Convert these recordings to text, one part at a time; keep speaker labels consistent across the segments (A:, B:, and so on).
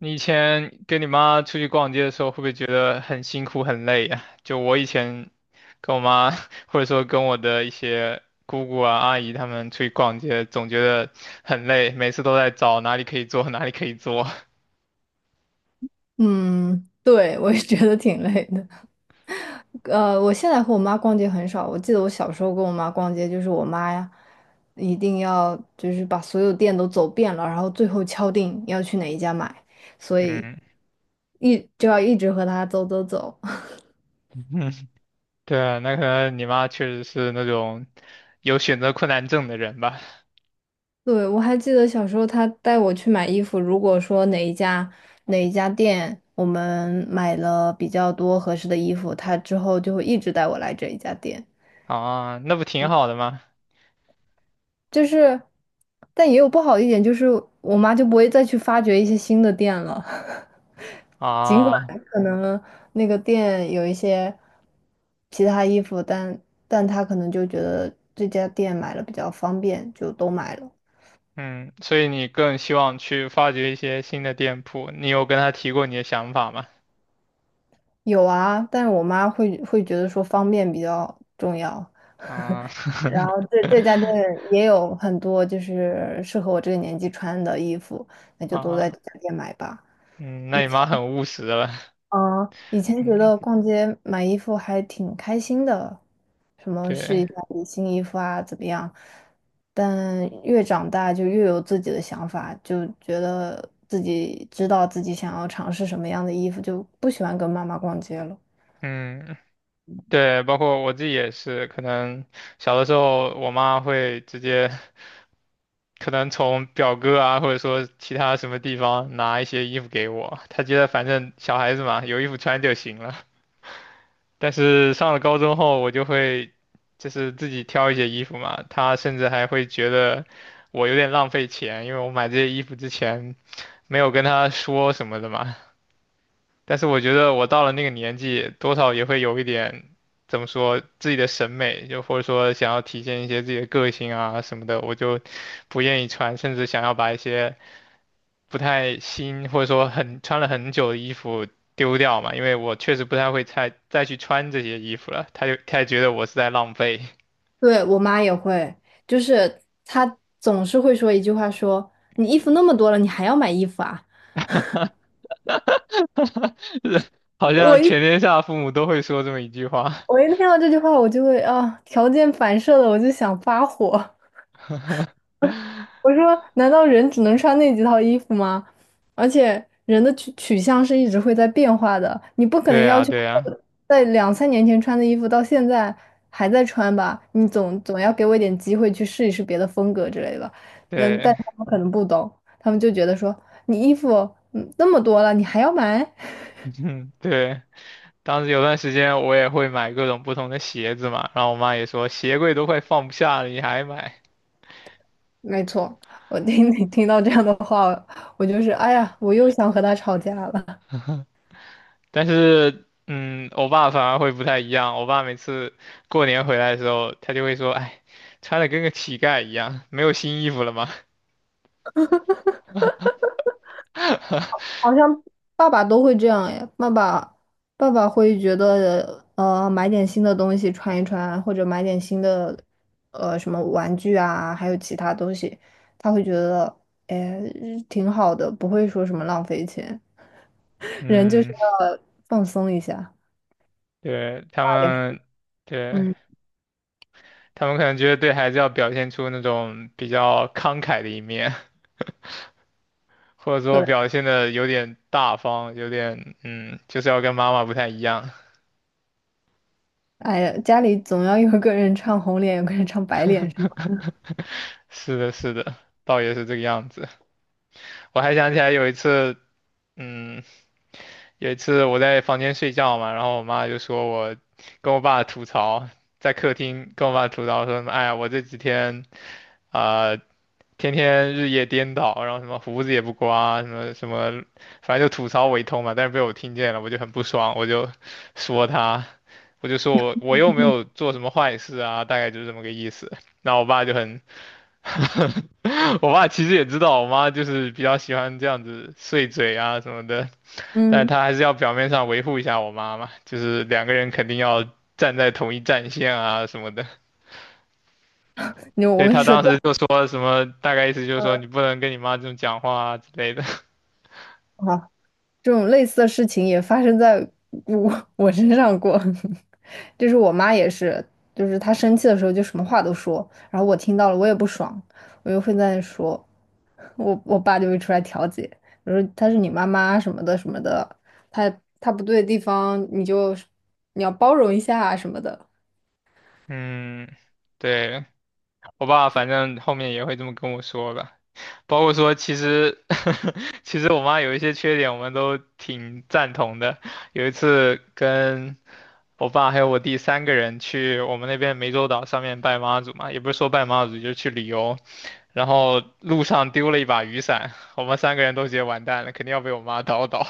A: 你以前跟你妈出去逛街的时候，会不会觉得很辛苦很累呀？就我以前跟我妈，或者说跟我的一些姑姑啊、阿姨她们出去逛街，总觉得很累，每次都在找哪里可以坐，哪里可以坐。
B: 嗯，对，我也觉得挺累的。我现在和我妈逛街很少。我记得我小时候跟我妈逛街，就是我妈呀，一定要就是把所有店都走遍了，然后最后敲定要去哪一家买，所以
A: 嗯。
B: 一就要一直和她走走走。
A: 对啊，那可能你妈确实是那种有选择困难症的人吧？
B: 对，我还记得小时候她带我去买衣服，如果说哪一家店我们买了比较多合适的衣服，她之后就会一直带我来这一家店。
A: 啊，那不挺好的吗？
B: 就是，但也有不好的一点，就是我妈就不会再去发掘一些新的店了。尽管
A: 啊，
B: 可能那个店有一些其他衣服，但她可能就觉得这家店买了比较方便，就都买了。
A: 嗯，所以你更希望去发掘一些新的店铺，你有跟她提过你的想法吗？
B: 有啊，但是我妈会觉得说方便比较重要。
A: 啊，
B: 然后这家店 也有很多就是适合我这个年纪穿的衣服，那就都在
A: 啊，
B: 这家店买吧。
A: 嗯，那你妈很务实了。
B: 嗯，以前觉
A: 嗯，
B: 得逛街买衣服还挺开心的，什么试
A: 对。
B: 一下底新衣服啊，怎么样？但越长大就越有自己的想法，就觉得自己知道自己想要尝试什么样的衣服，就不喜欢跟妈妈逛街了。
A: 嗯，对，包括我自己也是，可能小的时候我妈会直接，可能从表哥啊，或者说其他什么地方拿一些衣服给我，她觉得反正小孩子嘛，有衣服穿就行了。但是上了高中后，我就会就是自己挑一些衣服嘛，她甚至还会觉得我有点浪费钱，因为我买这些衣服之前。没有跟他说什么的嘛。但是我觉得我到了那个年纪，多少也会有一点，怎么说，自己的审美，就或者说想要体现一些自己的个性啊什么的，我就不愿意穿，甚至想要把一些不太新或者说很穿了很久的衣服丢掉嘛，因为我确实不太会再去穿这些衣服了，他也觉得我是在浪费。
B: 对，我妈也会，就是她总是会说一句话说，你衣服那么多了，你还要买衣服啊？
A: 好
B: 我
A: 像
B: 一
A: 全天下父母都会说这么一句话。
B: 我一听到这句话，我就会啊，条件反射的，我就想发火。我说，难道人只能穿那几套衣服吗？而且人的取向是一直会在变化的，你不可能
A: 对
B: 要
A: 啊，
B: 求
A: 对啊，
B: 我在两三年前穿的衣服到现在还在穿吧？你总要给我一点机会去试一试别的风格之类的。嗯，但
A: 对。
B: 他们可能不懂，他们就觉得说你衣服那么多了，你还要买？
A: 对。当时有段时间我也会买各种不同的鞋子嘛，然后我妈也说鞋柜都快放不下了，你还买？
B: 没错，你听到这样的话，我就是哎呀，我又想和他吵架了。
A: 但是，嗯，我爸反而会不太一样，我爸每次过年回来的时候，他就会说，哎，穿的跟个乞丐一样，没有新衣服了吗？
B: 好像爸爸都会这样哎，爸爸会觉得买点新的东西穿一穿，或者买点新的什么玩具啊，还有其他东西，他会觉得哎挺好的，不会说什么浪费钱，人就是
A: 嗯，
B: 要放松一下。
A: 对，他
B: 也是
A: 们，对，
B: 嗯，
A: 他们可能觉得对孩子要表现出那种比较慷慨的一面，或者说
B: 对，
A: 表现的有点大方，有点，嗯，就是要跟妈妈不太一样。
B: 哎呀，家里总要有个人唱红脸，有个人唱白脸是吗？
A: 是的，是的，倒也是这个样子。我还想起来有一次，嗯，有一次我在房间睡觉嘛，然后我妈就说我跟我爸吐槽，在客厅跟我爸吐槽说什么，哎呀，我这几天啊、呃天天日夜颠倒，然后什么胡子也不刮，什么什么，反正就吐槽我一通嘛。但是被我听见了，我就很不爽，我就说他，我就说我又没有 做什么坏事啊，大概就是这么个意思。那我爸就很 我爸其实也知道我妈就是比较喜欢这样子碎嘴啊什么的，但是
B: 嗯，
A: 他还是要表面上维护一下我妈嘛，就是两个人肯定要站在同一战线啊什么的，所
B: 我
A: 以
B: 跟你
A: 他
B: 说
A: 当
B: 这
A: 时就
B: 样，
A: 说什么，大概意思就是说
B: 嗯
A: 你不能跟你妈这么讲话啊之类的。
B: 好。这种类似的事情也发生在我 我身上过，就是我妈也是，就是她生气的时候就什么话都说，然后我听到了我也不爽，我就会在那说，我爸就会出来调解，我说她是你妈妈什么的什么的，她她不对的地方你要包容一下啊什么的。
A: 嗯，对，我爸反正后面也会这么跟我说吧。包括说，其实 其实我妈有一些缺点，我们都挺赞同的。有一次跟我爸还有我弟三个人去我们那边湄洲岛上面拜妈祖嘛，也不是说拜妈祖，就是去旅游。然后路上丢了一把雨伞，我们三个人都觉得完蛋了，肯定要被我妈叨叨。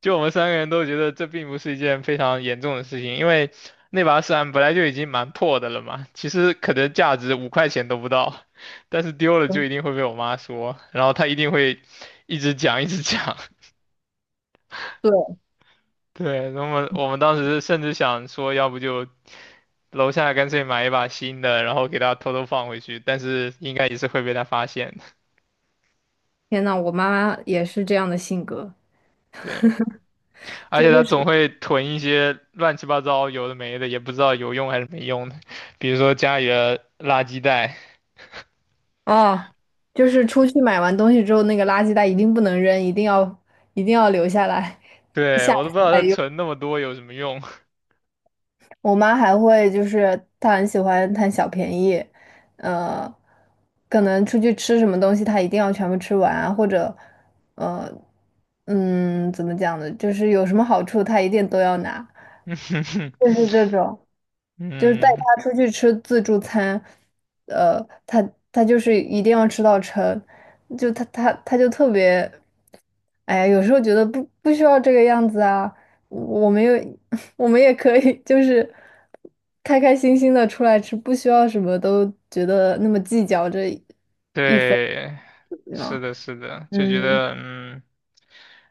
A: 就我们三个人都觉得这并不是一件非常严重的事情，因为那把伞本来就已经蛮破的了嘛，其实可能价值五块钱都不到，但是丢了就一定会被我妈说，然后她一定会一直讲一直讲。
B: 对，
A: 对，那么我们当时甚至想说，要不就楼下干脆买一把新的，然后给她偷偷放回去，但是应该也是会被她发现的。
B: 天呐，我妈也是这样的性格，
A: 对，而
B: 就
A: 且她总
B: 是。
A: 会囤一些乱七八糟有的没的，也不知道有用还是没用的，比如说家里的垃圾袋。
B: 哦，就是出去买完东西之后，那个垃圾袋一定不能扔，一定要留下来，
A: 对，
B: 下
A: 我
B: 一
A: 都不知
B: 次
A: 道
B: 再
A: 它
B: 用。
A: 存那么多有什么用。
B: 我妈还会就是她很喜欢贪小便宜，呃，可能出去吃什么东西，她一定要全部吃完啊或者呃，嗯，怎么讲呢？就是有什么好处，她一定都要拿，就 是这种。就是带
A: 嗯，
B: 他出去吃自助餐，呃，他就是一定要吃到撑，就他就特别，哎呀，有时候觉得不需要这个样子啊，我们也 我们也可以就是开开心心的出来吃，不需要什么都觉得那么计较这
A: 对，是
B: 啊，
A: 的，是的，就觉
B: 嗯，
A: 得嗯，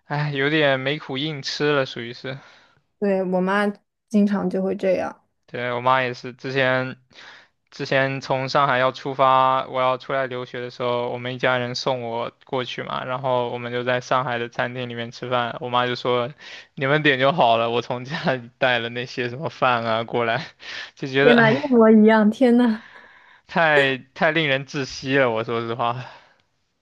A: 哎，有点没苦硬吃了，属于是。
B: 对，我妈经常就会这样，
A: 对，我妈也是，之前从上海要出发，我要出来留学的时候，我们一家人送我过去嘛，然后我们就在上海的餐厅里面吃饭，我妈就说你们点就好了，我从家里带了那些什么饭啊过来，就觉得
B: 天
A: 哎，
B: 呐，一
A: 唉
B: 模一样，天呐。
A: 太令人窒息了，我说实话。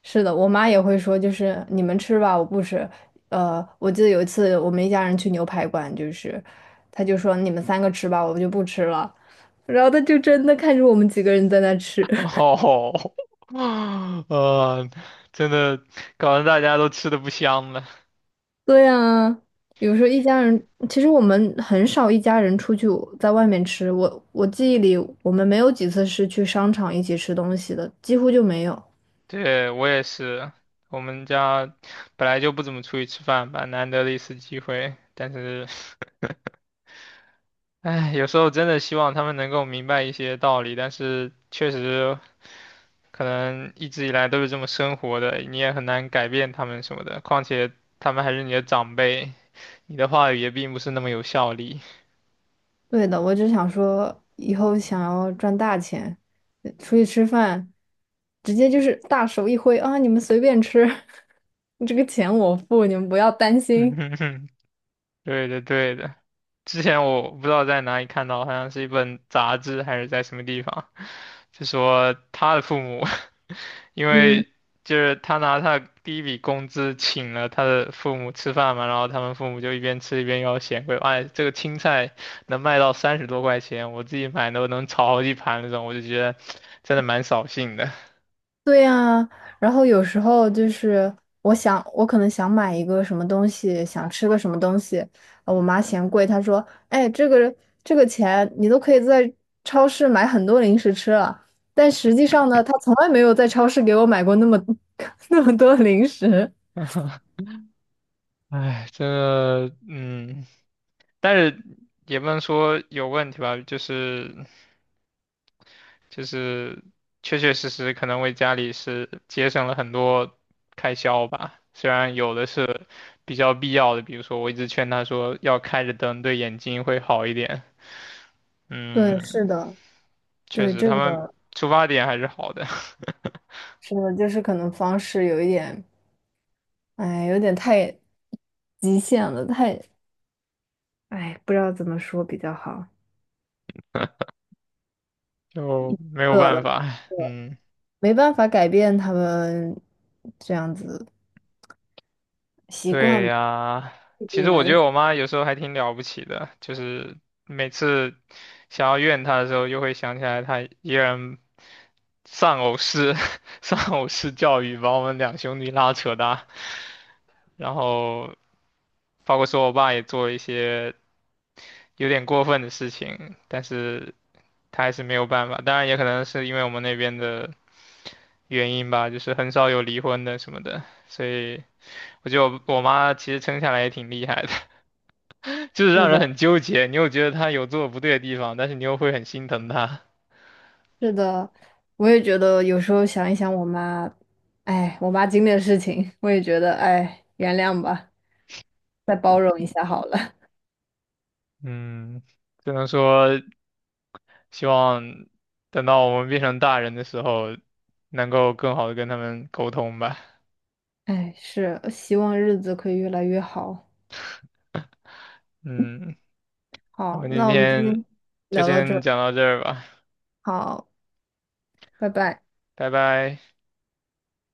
B: 是的，我妈也会说，就是你们吃吧，我不吃。呃，我记得有一次我们一家人去牛排馆，就是她就说你们三个吃吧，我就不吃了。然后她就真的看着我们几个人在那吃。
A: 哦，呃，真的搞得大家都吃的不香了。
B: 对呀，有时候一家人，其实我们很少一家人出去在外面吃。我记忆里，我们没有几次是去商场一起吃东西的，几乎就没有。
A: 对，我也是，我们家本来就不怎么出去吃饭吧，难得的一次机会。但是，唉，有时候真的希望他们能够明白一些道理，但是确实可能一直以来都是这么生活的，你也很难改变他们什么的。况且他们还是你的长辈，你的话语也并不是那么有效力。
B: 对的，我只想说，以后想要赚大钱，出去吃饭，直接就是大手一挥啊，你们随便吃，这个钱我付，你们不要担
A: 嗯
B: 心。
A: 哼哼，对的，对的。之前我不知道在哪里看到，好像是一本杂志还是在什么地方，就说他的父母，因
B: 嗯
A: 为就是他拿他的第一笔工资请了他的父母吃饭嘛，然后他们父母就一边吃一边要嫌贵，哎，这个青菜能卖到三十多块钱，我自己买都能炒好几盘那种，我就觉得真的蛮扫兴的。
B: 对呀，然后有时候就是我想，我可能想买一个什么东西，想吃个什么东西，我妈嫌贵，她说："哎，这个钱你都可以在超市买很多零食吃了。"但实际上呢，她从来没有在超市给我买过那么 那么多零食。
A: 哎，这个嗯，但是也不能说有问题吧，就是。就是确确实实可能为家里是节省了很多开销吧。虽然有的是比较必要的，比如说我一直劝他说要开着灯，对眼睛会好一点。
B: 对，是
A: 嗯，
B: 的，
A: 确
B: 对
A: 实
B: 这
A: 他们
B: 个
A: 出发点还是好的，
B: 是的，就是可能方式有一点，哎，有点太极限了，太，哎，不知道怎么说比较好，
A: 就没 有
B: 饿
A: 办
B: 了，
A: 法。嗯。
B: 没办法改变他们这样子习
A: 对
B: 惯
A: 呀，
B: 自
A: 其
B: 己
A: 实我
B: 来
A: 觉得
B: 的。
A: 我妈有时候还挺了不起的，就是每次想要怨她的时候，又会想起来她依然人丧偶式 丧偶式教育把我们两兄弟拉扯大，然后包括说我爸也做了一些有点过分的事情，但是他还是没有办法。当然也可能是因为我们那边的原因吧，就是很少有离婚的什么的，所以我觉得我妈其实撑下来也挺厉害的。就是
B: 是
A: 让人
B: 的，
A: 很纠结。你又觉得他有做的不对的地方，但是你又会很心疼他。
B: 是的，我也觉得有时候想一想我妈，哎，我妈经历的事情，我也觉得，哎，原谅吧，再包容一下好了。
A: 嗯，只能说希望等到我们变成大人的时候，能够更好的跟他们沟通吧。
B: 哎，是，希望日子可以越来越好。
A: 嗯，那
B: 好，
A: 么今
B: 那我们今
A: 天
B: 天
A: 就
B: 聊到这
A: 先
B: 儿。
A: 讲到这儿吧，
B: 好，拜拜。
A: 拜拜。